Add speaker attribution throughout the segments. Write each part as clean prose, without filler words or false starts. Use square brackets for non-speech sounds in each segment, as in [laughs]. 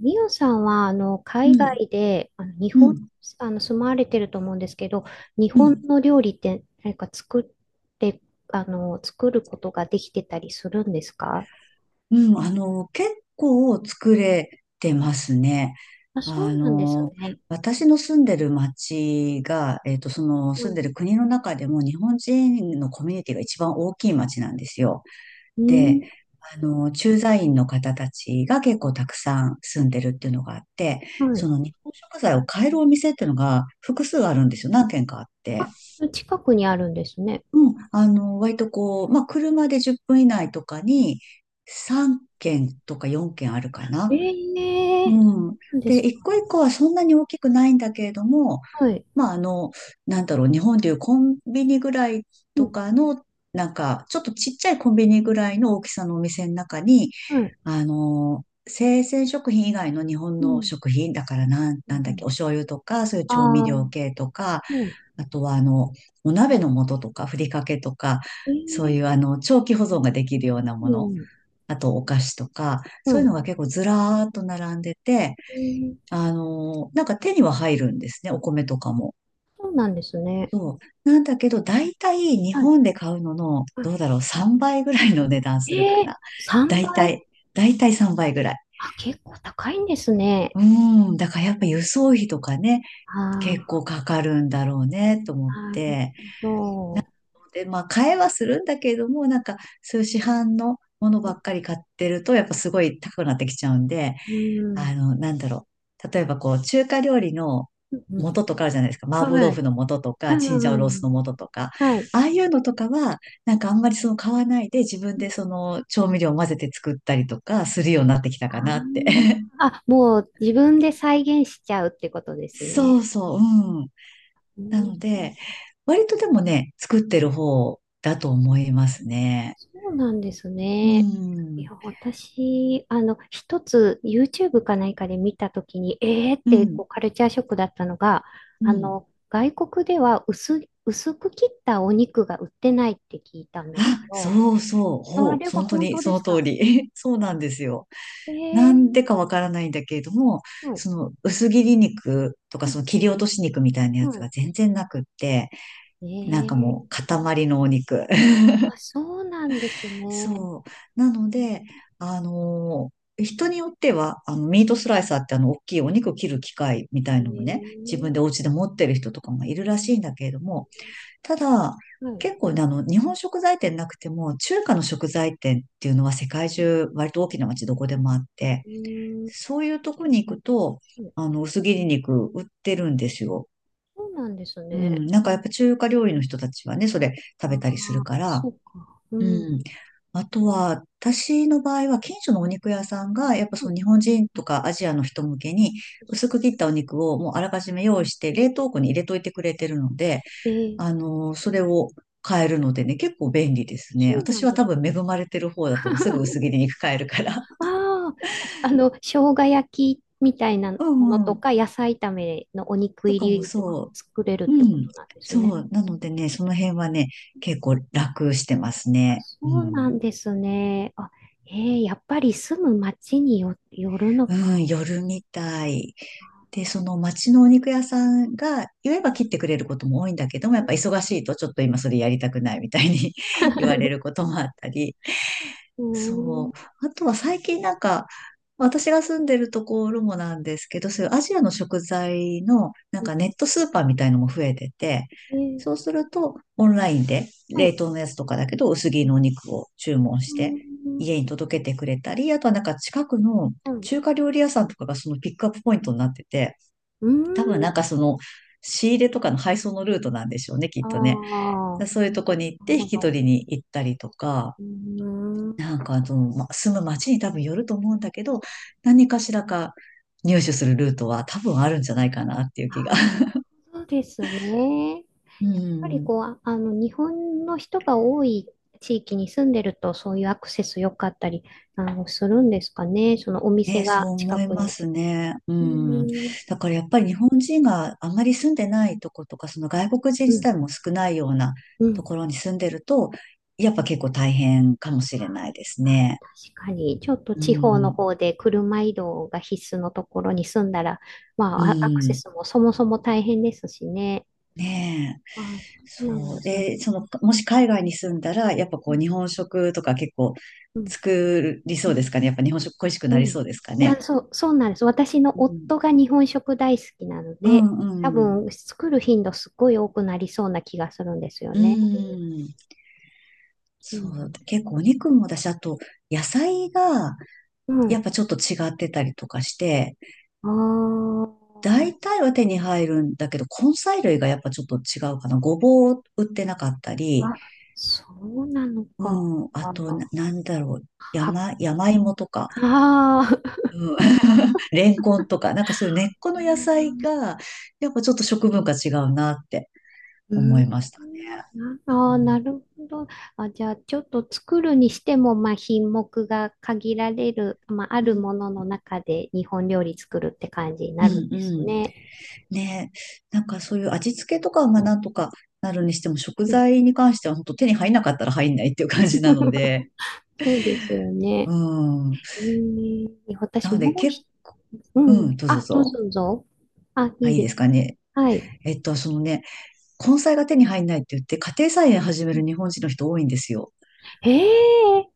Speaker 1: ミオさんは、
Speaker 2: う
Speaker 1: 海
Speaker 2: ん、
Speaker 1: 外で、日
Speaker 2: う
Speaker 1: 本、
Speaker 2: ん、
Speaker 1: あの、住まわれてると思うんですけど、日
Speaker 2: う
Speaker 1: 本
Speaker 2: ん、
Speaker 1: の料理って何か作って、作ることができてたりするんですか？
Speaker 2: 結構作れてますね。
Speaker 1: あ、そ
Speaker 2: あ
Speaker 1: うなんです
Speaker 2: の、
Speaker 1: ね。
Speaker 2: 私の住んでる町が、その
Speaker 1: う
Speaker 2: 住ん
Speaker 1: ん。
Speaker 2: でる国の中でも日本人のコミュニティが一番大きい町なんですよ。
Speaker 1: う
Speaker 2: で、
Speaker 1: ん。
Speaker 2: 駐在員の方たちが結構たくさん住んでるっていうのがあって、
Speaker 1: は
Speaker 2: そ
Speaker 1: い。
Speaker 2: の日本食材を買えるお店っていうのが複数あるんですよ。何軒かあって。
Speaker 1: あ、それ近くにあるんですね。
Speaker 2: 割とこう、まあ、車で10分以内とかに3軒とか4軒あるかな。
Speaker 1: え
Speaker 2: う
Speaker 1: え、
Speaker 2: ん。
Speaker 1: そうなんで
Speaker 2: で、
Speaker 1: す
Speaker 2: 一
Speaker 1: か？
Speaker 2: 個一個はそんなに大きくないんだけれども、
Speaker 1: はい。
Speaker 2: まあ、あの、日本でいうコンビニぐらい
Speaker 1: う
Speaker 2: と
Speaker 1: ん。
Speaker 2: かの、ちょっとちっちゃいコンビニぐらいの大きさのお店の中に、
Speaker 1: はい。
Speaker 2: 生鮮食品以外の日本
Speaker 1: う
Speaker 2: の
Speaker 1: ん。
Speaker 2: 食品、だからなん、
Speaker 1: う
Speaker 2: なんだっけ、
Speaker 1: ん。
Speaker 2: お醤油とか、そういう
Speaker 1: あ
Speaker 2: 調味
Speaker 1: あー、
Speaker 2: 料系とか、
Speaker 1: うん。
Speaker 2: あとは、お鍋の素とか、ふりかけとか、
Speaker 1: え
Speaker 2: そ
Speaker 1: え、
Speaker 2: ういう、長期保存ができるようなも
Speaker 1: う
Speaker 2: の、
Speaker 1: ん。
Speaker 2: あと、お菓子とか、そう
Speaker 1: は
Speaker 2: いうの
Speaker 1: い。
Speaker 2: が結構ずらーっと並んでて、
Speaker 1: うん。
Speaker 2: なんか手には入るんですね、お米とかも。
Speaker 1: そうなんですね。
Speaker 2: そう。なんだけど、だいたい日
Speaker 1: はい。
Speaker 2: 本で買うのの、
Speaker 1: あ、
Speaker 2: どうだろう、3倍ぐらいの値段するか
Speaker 1: ええ、
Speaker 2: な。だ
Speaker 1: 3
Speaker 2: いた
Speaker 1: 倍。
Speaker 2: い、だいたい3倍ぐらい。
Speaker 1: あ、結構高いんですね。
Speaker 2: うーん。だからやっぱ輸送費とかね、
Speaker 1: あ
Speaker 2: 結
Speaker 1: あ、
Speaker 2: 構かかるんだろうね、と思っ
Speaker 1: なる
Speaker 2: て。
Speaker 1: ほ
Speaker 2: で、まあ、買えはするんだけれども、そういう市販のものば
Speaker 1: ど。
Speaker 2: っかり買ってると、やっぱすごい高くなってきちゃうんで、
Speaker 1: うん。
Speaker 2: なんだろう。例えば、こう、中華料理の
Speaker 1: うん、
Speaker 2: 素とかあるじゃないですか。麻婆
Speaker 1: は
Speaker 2: 豆
Speaker 1: い。
Speaker 2: 腐の素と
Speaker 1: う
Speaker 2: か、チンジ
Speaker 1: ん
Speaker 2: ャオロース
Speaker 1: うん。
Speaker 2: の素とか。
Speaker 1: はい。
Speaker 2: ああいうのとかは、なんかあんまりその買わないで、自分でその調味料を混ぜて作ったりとかするようになってきた
Speaker 1: あ
Speaker 2: かなって。
Speaker 1: ー、
Speaker 2: [laughs]
Speaker 1: あ、もう自分で再現しちゃうってことです
Speaker 2: そ
Speaker 1: ね。
Speaker 2: うそう、うん。
Speaker 1: う
Speaker 2: な
Speaker 1: ん、
Speaker 2: ので、割とでもね、作ってる方だと思いますね。
Speaker 1: そうなんです
Speaker 2: う
Speaker 1: ね。い
Speaker 2: ん。
Speaker 1: や、私、一つ YouTube か何かで見たときに、えーっ
Speaker 2: う
Speaker 1: てこ
Speaker 2: ん。
Speaker 1: うカルチャーショックだったのが、
Speaker 2: うん。
Speaker 1: 外国では薄く切ったお肉が売ってないって聞いたんです
Speaker 2: あ、
Speaker 1: よ。
Speaker 2: そうそう。ほ
Speaker 1: あ
Speaker 2: う。
Speaker 1: れは
Speaker 2: 本当
Speaker 1: 本
Speaker 2: に
Speaker 1: 当で
Speaker 2: その
Speaker 1: す
Speaker 2: 通
Speaker 1: か？
Speaker 2: り。[laughs] そうなんですよ。
Speaker 1: ええ
Speaker 2: なん
Speaker 1: ー、
Speaker 2: でかわからないんだけれども、
Speaker 1: はい。
Speaker 2: その薄切り肉とか
Speaker 1: う
Speaker 2: そ
Speaker 1: ん
Speaker 2: の切
Speaker 1: う
Speaker 2: り
Speaker 1: ん、
Speaker 2: 落とし肉みたいなやつ
Speaker 1: は
Speaker 2: が全然なくって、
Speaker 1: い、
Speaker 2: なんか
Speaker 1: ええ
Speaker 2: もう
Speaker 1: ー、
Speaker 2: 塊のお肉。[laughs]
Speaker 1: あ、そうなんですね。
Speaker 2: そう。なので、人によっては、ミートスライサーって大きいお肉を切る機械みた
Speaker 1: え
Speaker 2: い
Speaker 1: え
Speaker 2: のもね、自分でお
Speaker 1: ー、
Speaker 2: 家で持ってる人とかもいるらしいんだけれども、ただ、
Speaker 1: はい。
Speaker 2: 結構ね、日本食材店なくても、中華の食材店っていうのは世界
Speaker 1: うん、
Speaker 2: 中、割と大きな街どこでもあって、
Speaker 1: うん、
Speaker 2: そういうとこに行くと、薄切り肉売ってるんですよ。
Speaker 1: そうなんです
Speaker 2: う
Speaker 1: ね。
Speaker 2: ん。なんかやっぱ中華料理の人たちはね、それ食
Speaker 1: あ
Speaker 2: べたりする
Speaker 1: あ、
Speaker 2: か
Speaker 1: そ
Speaker 2: ら、
Speaker 1: うか。う
Speaker 2: う
Speaker 1: ん。
Speaker 2: ん。あとは、私の場合は、近所のお肉屋さんが、やっぱその日本人とかアジアの人向けに、薄く切ったお肉をもうあらかじめ用意して、冷凍庫に入れといてくれてるので、
Speaker 1: ええー、
Speaker 2: それを買えるのでね、結構便利ですね。
Speaker 1: そうな
Speaker 2: 私
Speaker 1: ん
Speaker 2: は
Speaker 1: で
Speaker 2: 多
Speaker 1: すね。
Speaker 2: 分恵まれてる方だと思う。すぐ薄
Speaker 1: [laughs]
Speaker 2: 切り肉買えるから。
Speaker 1: ああ、じゃあ、生姜焼きみたいな
Speaker 2: [laughs] う
Speaker 1: もの
Speaker 2: んう
Speaker 1: と
Speaker 2: ん。
Speaker 1: か、野菜炒めのお肉
Speaker 2: と
Speaker 1: 入
Speaker 2: かも
Speaker 1: りとかも
Speaker 2: そ
Speaker 1: 作れるっ
Speaker 2: う。う
Speaker 1: てこ
Speaker 2: ん。
Speaker 1: となんです
Speaker 2: そ
Speaker 1: ね。
Speaker 2: う。なのでね、その辺はね、結構楽してますね。う
Speaker 1: そうな
Speaker 2: ん。
Speaker 1: んですね。あ、えー、やっぱり住む町よるの
Speaker 2: う
Speaker 1: か。
Speaker 2: ん、夜みたい。で、その町のお肉屋さんが言えば切ってくれることも多いんだけども、やっぱ忙しいとちょっと今それやりたくないみたいに [laughs] 言われることもあったり、
Speaker 1: う
Speaker 2: そ
Speaker 1: ん、
Speaker 2: う。あとは最近なんか、私が住んでるところもなんですけど、そういうアジアの食材のなん
Speaker 1: うん、
Speaker 2: かネットスーパーみたいのも増えてて、
Speaker 1: えー、
Speaker 2: そうするとオンラインで
Speaker 1: は
Speaker 2: 冷
Speaker 1: い。
Speaker 2: 凍のやつとかだけど薄切りのお肉を注文し
Speaker 1: う
Speaker 2: て
Speaker 1: ん、
Speaker 2: 家に届けてくれたり、あとはなんか近くの
Speaker 1: はい。
Speaker 2: 中華料理屋さんとかがそのピックアップポイントになってて、
Speaker 1: うん、
Speaker 2: 多分なんかその仕入れとかの配送のルートなんでしょうね、きっ
Speaker 1: あ
Speaker 2: とね。
Speaker 1: あ、
Speaker 2: そういうとこに行っ
Speaker 1: なる
Speaker 2: て引
Speaker 1: ほ
Speaker 2: き
Speaker 1: ど。
Speaker 2: 取りに行ったりとか、
Speaker 1: うん、
Speaker 2: ま、住む街に多分よると思うんだけど、何かしらか入手するルートは多分あるんじゃないかなっていう
Speaker 1: あ、
Speaker 2: 気が。
Speaker 1: そうですね。やっ
Speaker 2: う
Speaker 1: ぱり
Speaker 2: ん。
Speaker 1: こう、日本の人が多い地域に住んでると、そういうアクセス良かったり、するんですかね。そのお
Speaker 2: [laughs]
Speaker 1: 店
Speaker 2: ね、そう
Speaker 1: が近
Speaker 2: 思い
Speaker 1: く
Speaker 2: ま
Speaker 1: に。
Speaker 2: すね。う
Speaker 1: う
Speaker 2: ん。
Speaker 1: ん、
Speaker 2: だからやっぱり日本人があまり住んでないとことか、その外国人
Speaker 1: う
Speaker 2: 自
Speaker 1: ん、
Speaker 2: 体も少ないような
Speaker 1: う
Speaker 2: と
Speaker 1: ん。
Speaker 2: ころに住んでると、やっぱ結構大変かもしれないですね。
Speaker 1: 確かに、ちょっと
Speaker 2: う
Speaker 1: 地方の
Speaker 2: ん。
Speaker 1: 方で車移動が必須のところに住んだら、ま
Speaker 2: う
Speaker 1: あ、アアクセ
Speaker 2: ん。
Speaker 1: スもそもそも大変ですしね。
Speaker 2: ねえ。
Speaker 1: ああ、そうなん
Speaker 2: そ
Speaker 1: で
Speaker 2: う。
Speaker 1: す。う
Speaker 2: で、その、もし海外に住んだら、やっぱこう、
Speaker 1: ん、
Speaker 2: 日本食とか結構
Speaker 1: うん、
Speaker 2: 作りそ
Speaker 1: う
Speaker 2: うで
Speaker 1: ん。
Speaker 2: すかね。やっぱ日本食恋しく
Speaker 1: う
Speaker 2: なり
Speaker 1: ん、
Speaker 2: そうですか
Speaker 1: い
Speaker 2: ね。
Speaker 1: や、そうなんです。私の
Speaker 2: うん。
Speaker 1: 夫が日本食大好きなの
Speaker 2: う
Speaker 1: で、多
Speaker 2: んうん。
Speaker 1: 分作る頻度すっごい多くなりそうな気がするんですよ
Speaker 2: う
Speaker 1: ね。
Speaker 2: ん。
Speaker 1: そう
Speaker 2: そ
Speaker 1: な
Speaker 2: う。
Speaker 1: んです。
Speaker 2: 結構お肉もだし、あと、野菜が、やっ
Speaker 1: う
Speaker 2: ぱちょっと違ってたりとかして、
Speaker 1: ん。あ
Speaker 2: 大体は手に入るんだけど、根菜類がやっぱちょっと違うかな。ごぼう売ってなかった
Speaker 1: あ、
Speaker 2: り、
Speaker 1: あ、そうなのか。
Speaker 2: うん。あ
Speaker 1: あ
Speaker 2: と、
Speaker 1: あ、
Speaker 2: なんだろう。
Speaker 1: は、[laughs]
Speaker 2: 山芋とか。
Speaker 1: ああ。
Speaker 2: うん。レンコンと
Speaker 1: [laughs]
Speaker 2: か、なんかそういう根っこ
Speaker 1: う
Speaker 2: の野
Speaker 1: ん
Speaker 2: 菜が、やっぱちょっと食文化違うなって
Speaker 1: う
Speaker 2: 思い
Speaker 1: ん。
Speaker 2: ました。
Speaker 1: な
Speaker 2: う
Speaker 1: ああ、な
Speaker 2: ん。
Speaker 1: るほど。あ、じゃあ、ちょっと作るにしても、まあ、品目が限られる、まあ、あ
Speaker 2: う
Speaker 1: る
Speaker 2: ん、
Speaker 1: ものの中で日本料理作るって感じに
Speaker 2: う
Speaker 1: なるん
Speaker 2: ん、
Speaker 1: です
Speaker 2: うん
Speaker 1: ね。
Speaker 2: ねえ。なんかそういう味付けとかはなんとかなるにしても、食
Speaker 1: うん。
Speaker 2: 材に関しては本当手に入んなかったら入んないっていう感じなので、
Speaker 1: [laughs] そうですよね。
Speaker 2: うん。
Speaker 1: えー、
Speaker 2: な
Speaker 1: 私
Speaker 2: の
Speaker 1: も
Speaker 2: で、
Speaker 1: う
Speaker 2: け、
Speaker 1: ひ、う
Speaker 2: う
Speaker 1: ん。
Speaker 2: ん、どうぞどう
Speaker 1: あ、どう
Speaker 2: ぞ。
Speaker 1: ぞどうぞ。あ、
Speaker 2: あ、
Speaker 1: いい
Speaker 2: いい
Speaker 1: で
Speaker 2: で
Speaker 1: す。
Speaker 2: すかね。
Speaker 1: はい。
Speaker 2: そのね、根菜が手に入んないって言って、家庭菜園始め
Speaker 1: う
Speaker 2: る
Speaker 1: ん、
Speaker 2: 日本人の人多いんですよ。
Speaker 1: えー、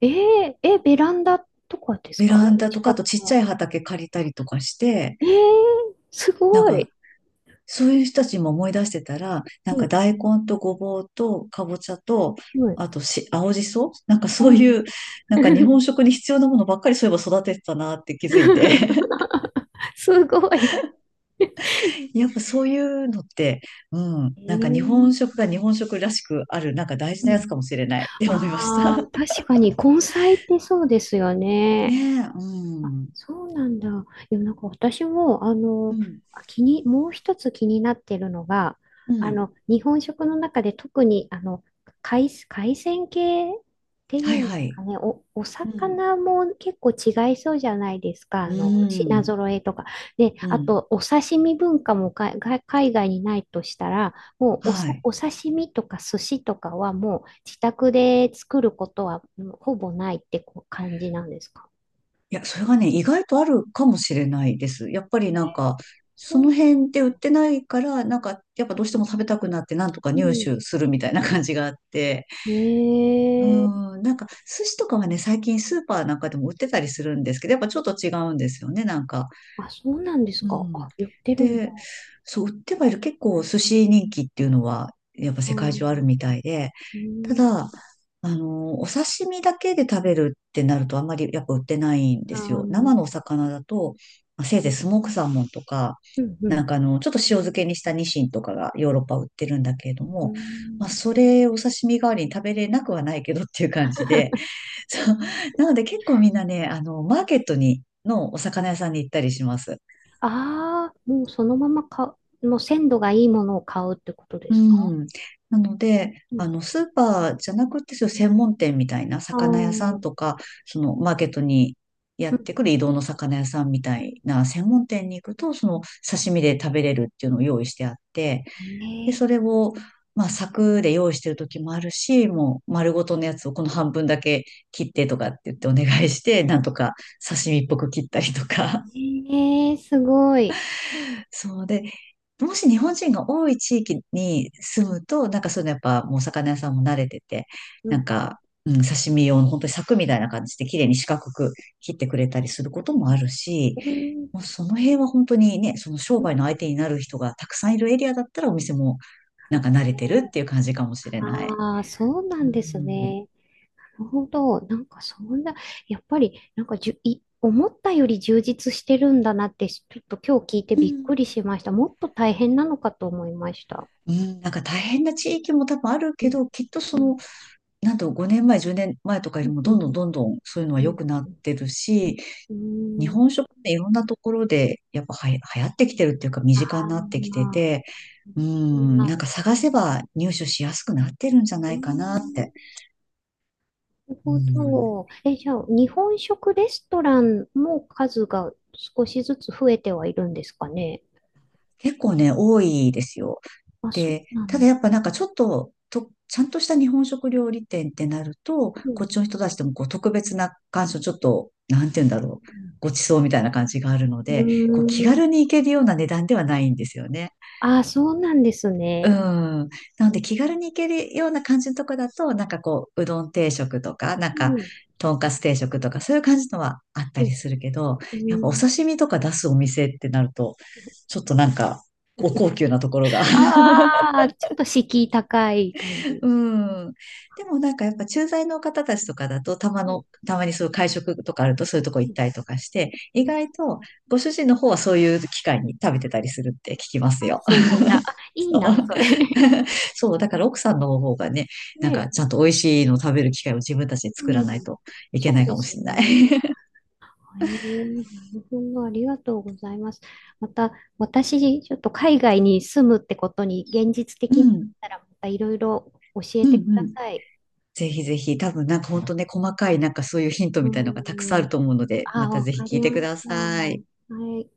Speaker 1: えー、え、ベランダとかです
Speaker 2: ベ
Speaker 1: か？
Speaker 2: ランダと
Speaker 1: 自
Speaker 2: か、あと
Speaker 1: 宅
Speaker 2: ちっち
Speaker 1: の。
Speaker 2: ゃい畑借りたりとかして、
Speaker 1: えー、す
Speaker 2: なん
Speaker 1: ご
Speaker 2: か
Speaker 1: い。
Speaker 2: そういう人たちも思い出してたら、なん
Speaker 1: う
Speaker 2: か
Speaker 1: ん、
Speaker 2: 大根とごぼうとかぼちゃと、
Speaker 1: うん。
Speaker 2: あとし、青じそなんかそう
Speaker 1: お。
Speaker 2: いう、なんか日本
Speaker 1: [laughs]
Speaker 2: 食に必要なものばっかりそういえば育ててたなって気づいて。
Speaker 1: [laughs] すごい。
Speaker 2: [laughs] やっぱそういうのって、うん、
Speaker 1: え
Speaker 2: なんか日本
Speaker 1: ー、
Speaker 2: 食が日本食らしくある、なんか大事
Speaker 1: う
Speaker 2: なや
Speaker 1: ん、
Speaker 2: つかもしれないって思いました。
Speaker 1: ああ、
Speaker 2: [laughs]
Speaker 1: 確かに根菜ってそうですよ
Speaker 2: ね
Speaker 1: ね。
Speaker 2: え、うん。
Speaker 1: そうなんだ。なんか私も、
Speaker 2: うん、
Speaker 1: あ気に、もう一つ気になってるのが、
Speaker 2: うん。
Speaker 1: 日本食の中で特に、海鮮系ってい
Speaker 2: は
Speaker 1: う
Speaker 2: い
Speaker 1: んです
Speaker 2: はい。
Speaker 1: かね、お
Speaker 2: うん。
Speaker 1: 魚も結構違いそうじゃないですか、
Speaker 2: う
Speaker 1: 品
Speaker 2: ん。
Speaker 1: 揃えとか。で、
Speaker 2: う
Speaker 1: あ
Speaker 2: ん。
Speaker 1: と、お刺身文化もが海外にないとしたら、もう
Speaker 2: はい。
Speaker 1: お刺身とか寿司とかはもう自宅で作ることは、うん、ほぼないってこう感じなんですか
Speaker 2: いや、それがね、意外とあるかもしれないです。やっぱり
Speaker 1: ね？
Speaker 2: なんか、
Speaker 1: そ
Speaker 2: その
Speaker 1: う。
Speaker 2: 辺で売ってないから、なんか、やっぱどうしても食べたくなって、なんとか
Speaker 1: う
Speaker 2: 入
Speaker 1: ん。
Speaker 2: 手するみたいな感じがあって。う
Speaker 1: ええ、
Speaker 2: ん、なんか、寿司とかはね、最近スーパーなんかでも売ってたりするんですけど、やっぱちょっと違うんですよね、なんか。
Speaker 1: あ、そうなんです
Speaker 2: う
Speaker 1: か？あ、
Speaker 2: ん。
Speaker 1: 言ってるんだ。
Speaker 2: で、
Speaker 1: あ
Speaker 2: そう、売ってはいる。結構寿司人気っていうのは、やっぱ世界中あるみ
Speaker 1: ー、
Speaker 2: たいで、
Speaker 1: う
Speaker 2: た
Speaker 1: ん、
Speaker 2: だ、お刺身だけで食べるってなるとあんまりやっぱ売ってないん
Speaker 1: あ
Speaker 2: ですよ。生
Speaker 1: ー、
Speaker 2: のお魚だと、まあせいぜいスモークサーモンとか、
Speaker 1: うん、うん。
Speaker 2: ちょっと塩漬けにしたニシンとかがヨーロッパ売ってるんだけれど
Speaker 1: う
Speaker 2: も、
Speaker 1: ん、
Speaker 2: まあ、それお刺身代わりに食べれなくはないけどっていう感じで、
Speaker 1: [laughs]
Speaker 2: そう。なので結構みんなね、マーケットに、のお魚屋さんに行ったりします。
Speaker 1: ああ、もうそのままもう鮮度がいいものを買うってことで
Speaker 2: う
Speaker 1: すか？
Speaker 2: ん。なので、
Speaker 1: うん。
Speaker 2: スーパーじゃなくて、そういう専門店みたいな
Speaker 1: ああ、
Speaker 2: 魚屋さん
Speaker 1: う
Speaker 2: とか、そのマーケットにやってく
Speaker 1: ん。
Speaker 2: る移動の魚屋さんみたいな専門店に行くと、その刺身で食べれるっていうのを用意してあって、で、
Speaker 1: ええ、
Speaker 2: それを、まあ、柵で用意してる時もあるし、もう丸ごとのやつをこの半分だけ切ってとかって言ってお願いして、なんとか刺身っぽく切ったりとか。
Speaker 1: ええ、すごい。
Speaker 2: そうで、もし日本人が多い地域に住むと、なんかそういうのやっぱもうお魚屋さんも慣れてて、
Speaker 1: う
Speaker 2: なん
Speaker 1: ん。
Speaker 2: か、うん、刺身用の本当に柵みたいな感じで綺麗に四角く切ってくれたりすることもあるし、
Speaker 1: うん。
Speaker 2: もうその辺は本当にね、その商
Speaker 1: う
Speaker 2: 売の
Speaker 1: ん、
Speaker 2: 相手になる人がたくさんいるエリアだったらお店もなんか慣れてるっていう感じかもしれない。
Speaker 1: ああー、そうな
Speaker 2: う
Speaker 1: んです
Speaker 2: ん。
Speaker 1: ね。なるほど。なんかそんな、やっぱり、なんかじゅ、い、思ったより充実してるんだなって、ちょっと今日聞いて
Speaker 2: う
Speaker 1: びっ
Speaker 2: ん
Speaker 1: くりしました。もっと大変なのかと思いました。
Speaker 2: うん、なんか大変な地域も多分ある
Speaker 1: う
Speaker 2: け
Speaker 1: ん、
Speaker 2: ど、きっとそ
Speaker 1: うん、
Speaker 2: のなんと5年前、10年前とかよ
Speaker 1: う
Speaker 2: り
Speaker 1: ん、
Speaker 2: も
Speaker 1: う
Speaker 2: どん
Speaker 1: ん、
Speaker 2: どんどんどんそういうのは
Speaker 1: う
Speaker 2: 良
Speaker 1: ん。
Speaker 2: くなってるし、
Speaker 1: う
Speaker 2: 日
Speaker 1: ん、
Speaker 2: 本食っていろんなところでやっぱはや流行ってきてるっていうか身
Speaker 1: あ
Speaker 2: 近に
Speaker 1: あ、
Speaker 2: なってきて
Speaker 1: まあ、
Speaker 2: て、う
Speaker 1: そう
Speaker 2: ん、
Speaker 1: なん
Speaker 2: なんか
Speaker 1: です。
Speaker 2: 探せば入手しやすくなってるんじゃ
Speaker 1: う
Speaker 2: な
Speaker 1: ん、
Speaker 2: いかな
Speaker 1: な
Speaker 2: って。
Speaker 1: る
Speaker 2: う
Speaker 1: ほ
Speaker 2: ん、
Speaker 1: ど。え、じゃあ、日本食レストランも数が少しずつ増えてはいるんですかね？
Speaker 2: 結構ね、多いですよ。
Speaker 1: あ、そう
Speaker 2: で、
Speaker 1: なん
Speaker 2: ただ
Speaker 1: です。
Speaker 2: やっぱなんかちょっと、ちゃんとした日本食料理店ってなると、
Speaker 1: う
Speaker 2: こっ
Speaker 1: ん、
Speaker 2: ちの人たちでもこう特別な感想、ちょっと、なんて言うんだろう、ごちそうみたいな感じがあるの
Speaker 1: う
Speaker 2: で、こ
Speaker 1: ん。
Speaker 2: う気
Speaker 1: うー
Speaker 2: 軽
Speaker 1: ん。
Speaker 2: に行けるような値段ではないんですよね。
Speaker 1: あ、そうなんです
Speaker 2: う
Speaker 1: ね。
Speaker 2: ん。なので気軽に行けるような感じのとこだと、なんかこう、うどん定食とか、なん
Speaker 1: う
Speaker 2: か、
Speaker 1: ん。
Speaker 2: とんかつ定食とか、そういう感じのはあった
Speaker 1: う
Speaker 2: り
Speaker 1: ん
Speaker 2: するけど、
Speaker 1: う
Speaker 2: やっぱお
Speaker 1: ん、
Speaker 2: 刺身とか出すお店ってなると、ちょっとなんか、お高級なところが、
Speaker 1: ああ、ちょっと敷居高い感じ。
Speaker 2: うん。でもなんかやっぱ駐在の方たちとかだと、
Speaker 1: うん
Speaker 2: たまにそういう会食とかあるとそういうとこ
Speaker 1: う
Speaker 2: 行っ
Speaker 1: ん
Speaker 2: たりとかして、
Speaker 1: う
Speaker 2: 意
Speaker 1: ん、
Speaker 2: 外とご主人の方はそういう機会に食べてたりするって聞きます
Speaker 1: あ、
Speaker 2: よ。
Speaker 1: そうなんだ。あ、
Speaker 2: [laughs]
Speaker 1: いい
Speaker 2: そう。
Speaker 1: な、それ。[laughs]
Speaker 2: [laughs] そう、だから奥さんの方がね、なん
Speaker 1: ね
Speaker 2: か
Speaker 1: え。
Speaker 2: ちゃんと美味しいのを食べる機会を自分たちで
Speaker 1: う
Speaker 2: 作らない
Speaker 1: ん。
Speaker 2: といけ
Speaker 1: そ
Speaker 2: な
Speaker 1: う
Speaker 2: いか
Speaker 1: で
Speaker 2: も
Speaker 1: す
Speaker 2: しれない。
Speaker 1: ね。
Speaker 2: [laughs]
Speaker 1: ええ、なるほど。ありがとうございます。また、私、ちょっと海外に住むってことに現実
Speaker 2: う
Speaker 1: 的になっ
Speaker 2: ん、
Speaker 1: たら、またいろいろ教え
Speaker 2: う
Speaker 1: てく
Speaker 2: ん、う
Speaker 1: だ
Speaker 2: ん。
Speaker 1: さい。
Speaker 2: ぜひぜひ、多分なんか本当ね、細かいなんかそういうヒント
Speaker 1: う
Speaker 2: みたいのがたくさんある
Speaker 1: ん。
Speaker 2: と思うので、
Speaker 1: あ、
Speaker 2: また
Speaker 1: わ
Speaker 2: ぜひ
Speaker 1: か
Speaker 2: 聞い
Speaker 1: り
Speaker 2: てく
Speaker 1: ま
Speaker 2: だ
Speaker 1: した。
Speaker 2: さい。
Speaker 1: はい。